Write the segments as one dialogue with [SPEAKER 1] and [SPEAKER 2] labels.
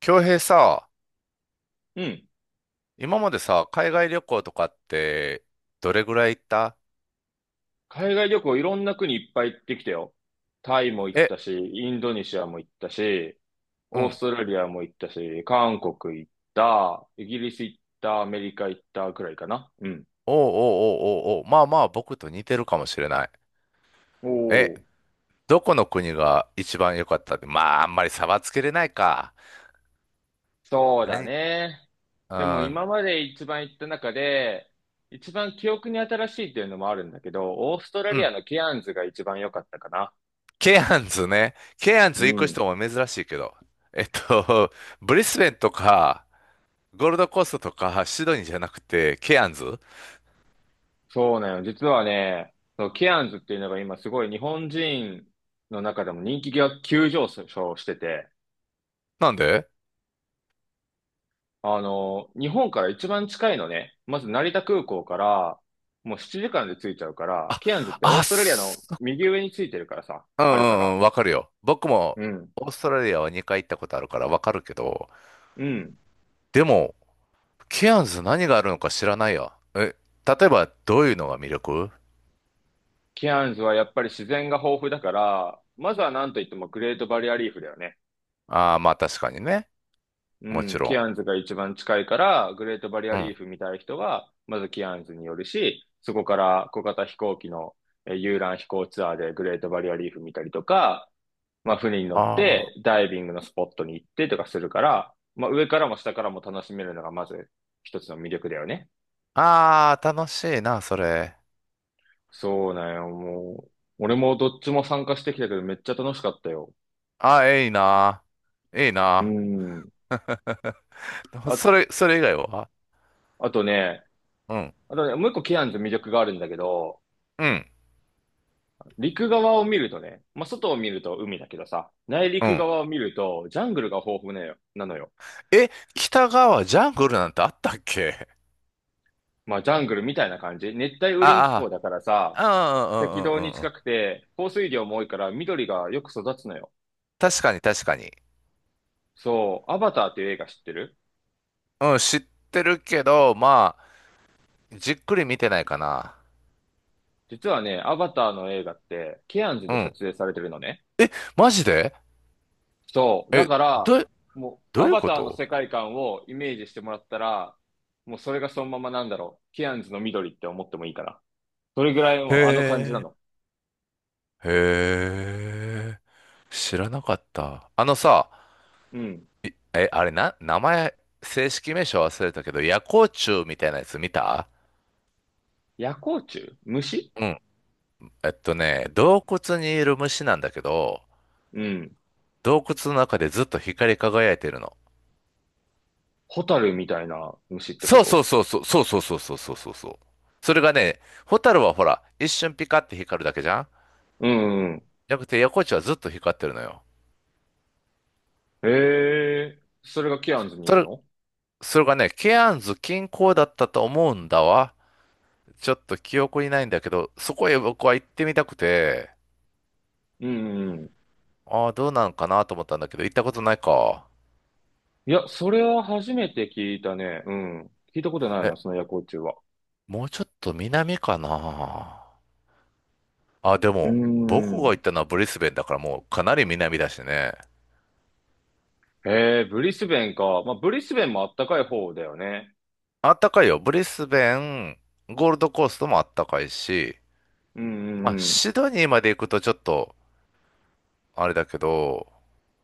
[SPEAKER 1] 京平さ、
[SPEAKER 2] うん。
[SPEAKER 1] 今までさ、海外旅行とかって、どれぐらい行った？
[SPEAKER 2] 海外旅行いろんな国いっぱい行ってきたよ。タイも行っ
[SPEAKER 1] え、
[SPEAKER 2] たし、インドネシアも行ったし、
[SPEAKER 1] う
[SPEAKER 2] オース
[SPEAKER 1] ん。
[SPEAKER 2] トラリアも行ったし、韓国行った、イギリス行った、アメリカ行ったくらいかな。うん。
[SPEAKER 1] おうおうおうおうおう、まあまあ、僕と似てるかもしれない。
[SPEAKER 2] お
[SPEAKER 1] え、
[SPEAKER 2] お、
[SPEAKER 1] どこの国が一番良かったって、まあ、あんまり差はつけれないか。
[SPEAKER 2] そうだ
[SPEAKER 1] 何？
[SPEAKER 2] ね。
[SPEAKER 1] う
[SPEAKER 2] でも
[SPEAKER 1] ん、
[SPEAKER 2] 今まで一番行った中で、一番記憶に新しいっていうのもあるんだけど、オーストラ
[SPEAKER 1] う
[SPEAKER 2] リア
[SPEAKER 1] ん。
[SPEAKER 2] のケアンズが一番良かったかな。
[SPEAKER 1] ケアンズね。ケアン
[SPEAKER 2] う
[SPEAKER 1] ズ行く
[SPEAKER 2] ん。
[SPEAKER 1] 人も珍しいけど。えっと、ブリスベンとか、ゴールドコーストとか、シドニーじゃなくて、ケアンズ
[SPEAKER 2] そうなの。実はね、そう、ケアンズっていうのが今すごい日本人の中でも人気が急上昇してて、
[SPEAKER 1] なんで？
[SPEAKER 2] あの、日本から一番近いのね、まず成田空港からもう7時間で着いちゃうから、
[SPEAKER 1] あ、
[SPEAKER 2] ケアンズってオー
[SPEAKER 1] あ、
[SPEAKER 2] ストラリアの右上についてるからさ、
[SPEAKER 1] うん
[SPEAKER 2] あ
[SPEAKER 1] う
[SPEAKER 2] るか
[SPEAKER 1] ん
[SPEAKER 2] ら。
[SPEAKER 1] うん、わかるよ。僕も
[SPEAKER 2] うん。
[SPEAKER 1] オーストラリアは2回行ったことあるからわかるけど、
[SPEAKER 2] うん。
[SPEAKER 1] でも、ケアンズ何があるのか知らないよ。え、例えばどういうのが魅力？
[SPEAKER 2] ケアンズはやっぱり自然が豊富だから、まずはなんといってもグレートバリアリーフだよね。
[SPEAKER 1] ああー、まあ確かにね。
[SPEAKER 2] う
[SPEAKER 1] もち
[SPEAKER 2] ん、
[SPEAKER 1] ろ
[SPEAKER 2] キ
[SPEAKER 1] ん。
[SPEAKER 2] アンズが一番近いから、グレートバリア
[SPEAKER 1] う
[SPEAKER 2] リー
[SPEAKER 1] ん。
[SPEAKER 2] フ見たい人は、まずキアンズに寄るし、そこから小型飛行機の遊覧飛行ツアーでグレートバリアリーフ見たりとか、まあ船に乗っ
[SPEAKER 1] ああ。
[SPEAKER 2] てダイビングのスポットに行ってとかするから、まあ上からも下からも楽しめるのがまず一つの魅力だよね。
[SPEAKER 1] ああ、楽しいな、それ。
[SPEAKER 2] そうなんよ、もう。俺もどっちも参加してきたけどめっちゃ楽しかったよ。
[SPEAKER 1] ああ、いいな。いい
[SPEAKER 2] う
[SPEAKER 1] な。
[SPEAKER 2] ん。あ、
[SPEAKER 1] それ、それ以外は？
[SPEAKER 2] あとね、
[SPEAKER 1] うん。
[SPEAKER 2] あとね、もう一個キアンズ魅力があるんだけど、
[SPEAKER 1] うん。
[SPEAKER 2] 陸側を見るとね、まあ、外を見ると海だけどさ、内
[SPEAKER 1] う
[SPEAKER 2] 陸
[SPEAKER 1] ん。
[SPEAKER 2] 側を見るとジャングルが豊富なよなのよ。
[SPEAKER 1] え、北側ジャングルなんてあったっけ？
[SPEAKER 2] まあ、ジャングルみたいな感じ。熱帯雨林気
[SPEAKER 1] あ
[SPEAKER 2] 候だからさ、
[SPEAKER 1] あ、ああ
[SPEAKER 2] 赤
[SPEAKER 1] うん
[SPEAKER 2] 道
[SPEAKER 1] うんう
[SPEAKER 2] に
[SPEAKER 1] んうんうん。
[SPEAKER 2] 近くて、降水量も多いから緑がよく育つのよ。
[SPEAKER 1] 確かに確かに。
[SPEAKER 2] そう、アバターっていう映画知ってる？
[SPEAKER 1] うん、知ってるけど、まあ、じっくり見てないかな。
[SPEAKER 2] 実はね、アバターの映画って、ケアンズ
[SPEAKER 1] う
[SPEAKER 2] で撮
[SPEAKER 1] ん。
[SPEAKER 2] 影されてるのね。
[SPEAKER 1] マジで？
[SPEAKER 2] そう、だ
[SPEAKER 1] え、
[SPEAKER 2] から、
[SPEAKER 1] ど、
[SPEAKER 2] もう、
[SPEAKER 1] どう
[SPEAKER 2] ア
[SPEAKER 1] いう
[SPEAKER 2] バ
[SPEAKER 1] こ
[SPEAKER 2] ターの
[SPEAKER 1] と？
[SPEAKER 2] 世界観をイメージしてもらったら、もうそれがそのままなんだろう。ケアンズの緑って思ってもいいから。それぐらい
[SPEAKER 1] へ
[SPEAKER 2] もあの感じな
[SPEAKER 1] え、
[SPEAKER 2] の。
[SPEAKER 1] へえ、知らなかった。あのさ、
[SPEAKER 2] うん。
[SPEAKER 1] いえ、あれな、名前、正式名称忘れたけど、夜光虫みたいなやつ見た？
[SPEAKER 2] 夜光虫虫？
[SPEAKER 1] うん。えっとね、洞窟にいる虫なんだけど、
[SPEAKER 2] うん。
[SPEAKER 1] 洞窟の中でずっと光り輝いてるの。
[SPEAKER 2] ホタルみたいな虫ってこ
[SPEAKER 1] そうそ
[SPEAKER 2] と？
[SPEAKER 1] うそうそうそうそうそうそうそうそうそう。それがね、ホタルはほら、一瞬ピカって光るだけじゃん？
[SPEAKER 2] うんうん。
[SPEAKER 1] じゃなくて、横地はずっと光ってるのよ。
[SPEAKER 2] ええーそれがケアンズにい
[SPEAKER 1] そ
[SPEAKER 2] る
[SPEAKER 1] れ、
[SPEAKER 2] の？
[SPEAKER 1] それがね、ケアンズ近郊だったと思うんだわ。ちょっと記憶にないんだけど、そこへ僕は行ってみたくて、
[SPEAKER 2] うんうん。
[SPEAKER 1] ああ、どうなんかなと思ったんだけど、行ったことないか。
[SPEAKER 2] いや、それは初めて聞いたね。うん。聞いたことない
[SPEAKER 1] え、
[SPEAKER 2] な、その夜光虫は。
[SPEAKER 1] もうちょっと南かな。あ、で
[SPEAKER 2] うー
[SPEAKER 1] も、僕が行っ
[SPEAKER 2] ん。
[SPEAKER 1] たのはブリスベンだからもうかなり南だしね。
[SPEAKER 2] へえ、ブリスベンか。まあ、ブリスベンもあったかい方だよね。
[SPEAKER 1] あったかいよ。ブリスベン、ゴールドコーストもあったかいし、
[SPEAKER 2] うんう
[SPEAKER 1] まあ、
[SPEAKER 2] んうん。
[SPEAKER 1] シドニーまで行くとちょっと、あれだけど、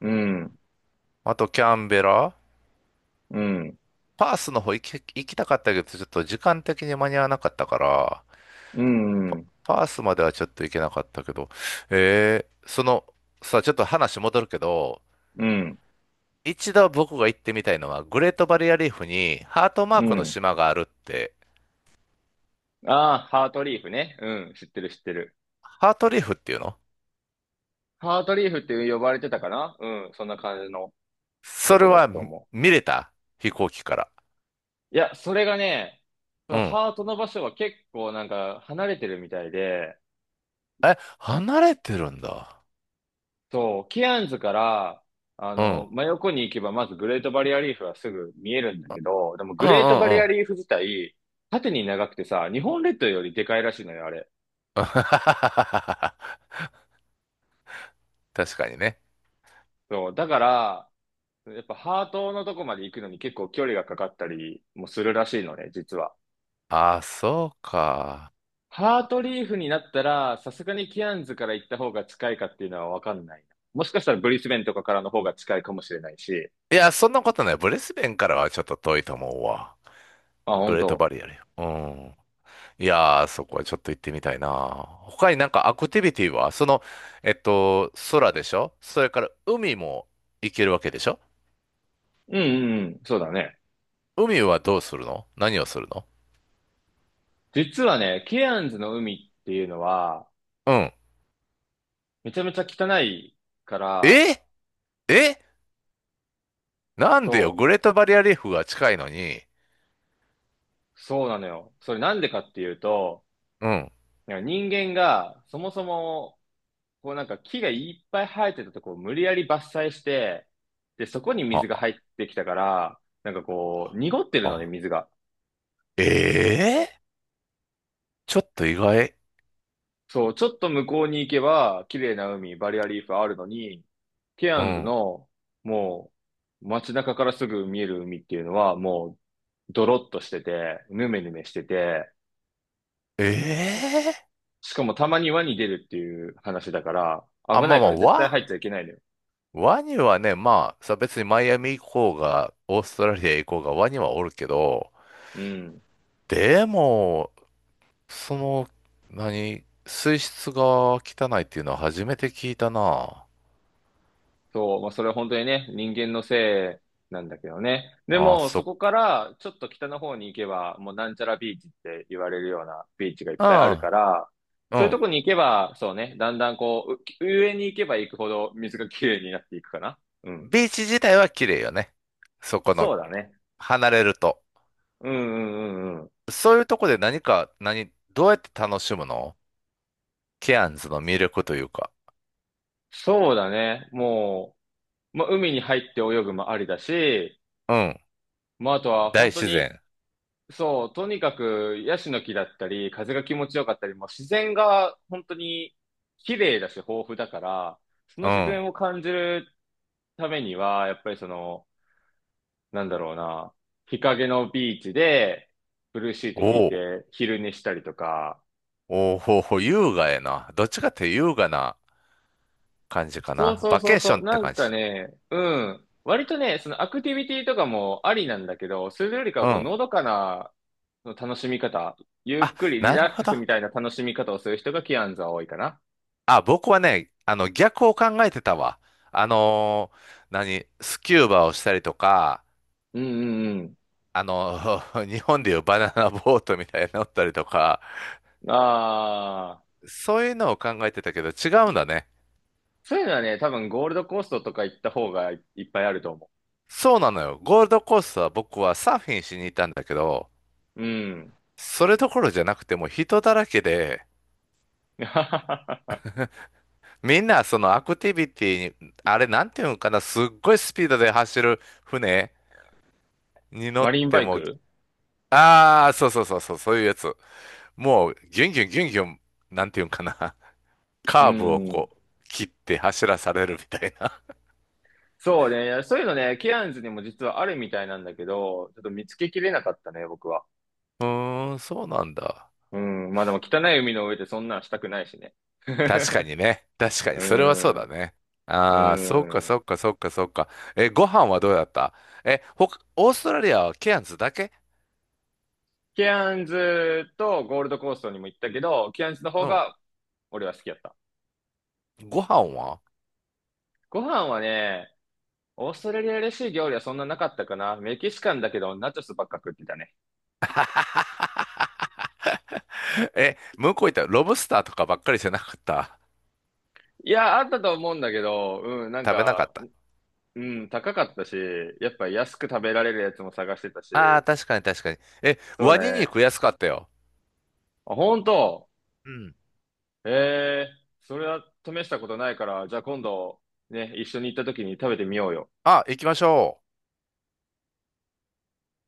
[SPEAKER 2] うん
[SPEAKER 1] あとキャンベラ、
[SPEAKER 2] うん。
[SPEAKER 1] パースの方行き、行きたかったけど、ちょっと時間的に間に合わなかったから、
[SPEAKER 2] うん
[SPEAKER 1] パースまではちょっと行けなかったけど、その、さちょっと話戻るけど、
[SPEAKER 2] うん。
[SPEAKER 1] 一度僕が行ってみたいのは、グレートバリアリーフにハートマ
[SPEAKER 2] う
[SPEAKER 1] ークの
[SPEAKER 2] ん。
[SPEAKER 1] 島があるって、
[SPEAKER 2] ああ、ハートリーフね。うん。知ってる知ってる。
[SPEAKER 1] ハートリーフっていうの？
[SPEAKER 2] ハートリーフって呼ばれてたかな？うん。そんな感じの。と
[SPEAKER 1] それ
[SPEAKER 2] こだった
[SPEAKER 1] は
[SPEAKER 2] と
[SPEAKER 1] 見
[SPEAKER 2] 思う。
[SPEAKER 1] 見れた飛行機から。
[SPEAKER 2] いや、それがね、そ
[SPEAKER 1] う
[SPEAKER 2] の
[SPEAKER 1] ん。
[SPEAKER 2] ハートの場所は結構なんか離れてるみたいで、
[SPEAKER 1] え、離れてるんだ。
[SPEAKER 2] そう、ケアンズから、あ
[SPEAKER 1] う
[SPEAKER 2] の、
[SPEAKER 1] ん。
[SPEAKER 2] 真横に行けばまずグレートバリアリーフはすぐ見えるんだ
[SPEAKER 1] あ、
[SPEAKER 2] けど、でも
[SPEAKER 1] う
[SPEAKER 2] グ
[SPEAKER 1] んう
[SPEAKER 2] レートバ
[SPEAKER 1] ん
[SPEAKER 2] リ
[SPEAKER 1] う
[SPEAKER 2] ア
[SPEAKER 1] ん。
[SPEAKER 2] リーフ自体、縦に長くてさ、日本列島よりでかいらしいのよ、あれ。
[SPEAKER 1] 確かにね。
[SPEAKER 2] そう、だから、やっぱハートのとこまで行くのに結構距離がかかったりもするらしいのね、実は。
[SPEAKER 1] あ、そうか。
[SPEAKER 2] ハートリーフになったら、さすがにケアンズから行った方が近いかっていうのはわかんないな。もしかしたらブリスベンとかからの方が近いかもしれないし。
[SPEAKER 1] いや、そんなことない。ブリスベンからはちょっと遠いと思うわ。
[SPEAKER 2] あ、
[SPEAKER 1] グ
[SPEAKER 2] 本
[SPEAKER 1] レート
[SPEAKER 2] 当。
[SPEAKER 1] バリアルよ。うん。いやー、そこはちょっと行ってみたいな。他になんかアクティビティは、その、空でしょ？それから海も行けるわけでしょ？
[SPEAKER 2] うんうんうん。そうだね。
[SPEAKER 1] 海はどうするの？何をするの？
[SPEAKER 2] 実はね、ケアンズの海っていうのは、
[SPEAKER 1] うん。
[SPEAKER 2] めちゃめちゃ汚いから、
[SPEAKER 1] ええ、なんでよ、
[SPEAKER 2] そ
[SPEAKER 1] グレートバリアリーフが近いのに。
[SPEAKER 2] そうなのよ。それなんでかっていうと、
[SPEAKER 1] うん。
[SPEAKER 2] なんか人間がそもそも、こうなんか木がいっぱい生えてたとこを無理やり伐採して、で、そこに水が入ってきたから、なんかこう、濁ってるのね、
[SPEAKER 1] あ、
[SPEAKER 2] 水が。
[SPEAKER 1] ええ、ちょっと意外。
[SPEAKER 2] そう、ちょっと向こうに行けば、綺麗な海、バリアリーフあるのに、ケ
[SPEAKER 1] う
[SPEAKER 2] アンズ
[SPEAKER 1] ん。
[SPEAKER 2] の、もう、街中からすぐ見える海っていうのは、もう、ドロッとしてて、ヌメヌメしてて、
[SPEAKER 1] ええ、
[SPEAKER 2] しかもたまに輪に出るっていう話だから、
[SPEAKER 1] あ、
[SPEAKER 2] 危な
[SPEAKER 1] まあ
[SPEAKER 2] い
[SPEAKER 1] ま
[SPEAKER 2] か
[SPEAKER 1] あ、
[SPEAKER 2] ら絶対入っ
[SPEAKER 1] ワ、
[SPEAKER 2] ちゃいけないのよ。
[SPEAKER 1] ワニはね、まあ、さ、別にマイアミ行こうが、オーストラリア行こうが、ワニはおるけど、
[SPEAKER 2] うん。
[SPEAKER 1] でも、その、何、水質が汚いっていうのは初めて聞いたな。
[SPEAKER 2] そう、まあ、それは本当にね、人間のせいなんだけどね。で
[SPEAKER 1] あ、
[SPEAKER 2] も、そ
[SPEAKER 1] そ、
[SPEAKER 2] こからちょっと北の方に行けば、もうなんちゃらビーチって言われるようなビーチがいっ
[SPEAKER 1] う
[SPEAKER 2] ぱいある
[SPEAKER 1] ん、
[SPEAKER 2] から、
[SPEAKER 1] う
[SPEAKER 2] そういうと
[SPEAKER 1] ん。
[SPEAKER 2] こに行けば、そうね、だんだんこう、う上に行けば行くほど水がきれいになっていくかな。うん。
[SPEAKER 1] ビーチ自体は綺麗よね。そこの、
[SPEAKER 2] そうだね。
[SPEAKER 1] 離れると。
[SPEAKER 2] うんうんうんうん。
[SPEAKER 1] そういうとこで何か、何、どうやって楽しむの？ケアンズの魅力というか。
[SPEAKER 2] そうだね。もう、まあ、海に入って泳ぐもありだし、
[SPEAKER 1] うん。
[SPEAKER 2] まあ、あとは
[SPEAKER 1] 大
[SPEAKER 2] 本当
[SPEAKER 1] 自
[SPEAKER 2] に
[SPEAKER 1] 然。
[SPEAKER 2] そう、とにかくヤシの木だったり、風が気持ちよかったり、もう自然が本当に綺麗だし豊富だから、その
[SPEAKER 1] う
[SPEAKER 2] 自
[SPEAKER 1] ん。
[SPEAKER 2] 然を感じるためには、やっぱりその、なんだろうな、日陰のビーチで、ブルーシート
[SPEAKER 1] お、
[SPEAKER 2] 引い
[SPEAKER 1] お、
[SPEAKER 2] て昼寝したりとか、
[SPEAKER 1] おうほうほう、優雅やな。どっちかって優雅な感じか
[SPEAKER 2] そう
[SPEAKER 1] な。
[SPEAKER 2] そう
[SPEAKER 1] バ
[SPEAKER 2] そ
[SPEAKER 1] ケー
[SPEAKER 2] う
[SPEAKER 1] シ
[SPEAKER 2] そ
[SPEAKER 1] ョン
[SPEAKER 2] う、
[SPEAKER 1] って
[SPEAKER 2] なん
[SPEAKER 1] 感
[SPEAKER 2] か
[SPEAKER 1] じ。
[SPEAKER 2] ね、うん、割とね、そのアクティビティとかもありなんだけど、それよりか
[SPEAKER 1] う
[SPEAKER 2] はこう、
[SPEAKER 1] ん。
[SPEAKER 2] のどかなその楽しみ方、ゆ
[SPEAKER 1] あ、
[SPEAKER 2] っくりリ
[SPEAKER 1] なる
[SPEAKER 2] ラッ
[SPEAKER 1] ほ
[SPEAKER 2] ク
[SPEAKER 1] ど。
[SPEAKER 2] スみたいな楽しみ方をする人がキアンズは多いかな。
[SPEAKER 1] あ、僕はね、あの、逆を考えてたわ。何、スキューバをしたりとか、
[SPEAKER 2] うんうん
[SPEAKER 1] あの 日本でいうバナナボートみたいに乗ったりとか、
[SPEAKER 2] うん。ああ、
[SPEAKER 1] そういうのを考えてたけど違うんだね。
[SPEAKER 2] そういうのはね、多分ゴールドコーストとか行った方がいっぱいあると思
[SPEAKER 1] そうなのよ。ゴールドコーストは僕はサーフィンしに行ったんだけど、
[SPEAKER 2] う。うん。
[SPEAKER 1] それどころじゃなくてもう人だらけで、みんなそのアクティビティに、あれなんていうのかな、すっごいスピードで走る船に乗
[SPEAKER 2] マ
[SPEAKER 1] っ
[SPEAKER 2] リン
[SPEAKER 1] て
[SPEAKER 2] バイ
[SPEAKER 1] も、
[SPEAKER 2] ク？
[SPEAKER 1] ああ、そうそうそうそう、そういうやつ。もうギュンギュンギュンギュン、なんていうんかな、
[SPEAKER 2] う
[SPEAKER 1] カーブを
[SPEAKER 2] ん。
[SPEAKER 1] こう切って走らされるみたいな。
[SPEAKER 2] そうね、そういうのね、ケアンズにも実はあるみたいなんだけど、ちょっと見つけきれなかったね、僕は。
[SPEAKER 1] うーん、そうなんだ。
[SPEAKER 2] うん。まあでも汚い海の上でそんなんしたくないしね。
[SPEAKER 1] 確か にね。確かに、
[SPEAKER 2] う
[SPEAKER 1] それはそうだ
[SPEAKER 2] ん。
[SPEAKER 1] ね。
[SPEAKER 2] う
[SPEAKER 1] ああ、そっか
[SPEAKER 2] ん。
[SPEAKER 1] そっかそっかそっか。え、ご飯はどうだった？え、ほか、オーストラリアはケアンズだけ？
[SPEAKER 2] ケアンズとゴールドコーストにも行ったけど、ケアンズの方
[SPEAKER 1] うん。
[SPEAKER 2] が俺は好きやった。
[SPEAKER 1] ご飯は？
[SPEAKER 2] ご飯はね、オーストラリアらしい料理はそんななかったかな。メキシカンだけど、ナチョスばっか食ってたね。
[SPEAKER 1] え、向こう行ったらロブスターとかばっかりじゃなかった。
[SPEAKER 2] いや、あったと思うんだけど、うん、なん
[SPEAKER 1] 食べなかっ
[SPEAKER 2] か、
[SPEAKER 1] た？
[SPEAKER 2] うん、高かったし、やっぱ安く食べられるやつも探してたし、
[SPEAKER 1] ああー、確かに確かに。え、
[SPEAKER 2] そう
[SPEAKER 1] ワニ
[SPEAKER 2] ね。
[SPEAKER 1] 肉安かったよ。
[SPEAKER 2] あ、本当？
[SPEAKER 1] うん。
[SPEAKER 2] ええーそれは試したことないから、じゃあ今度、ね、一緒に行った時に食べてみようよ。
[SPEAKER 1] あ、行きましょう。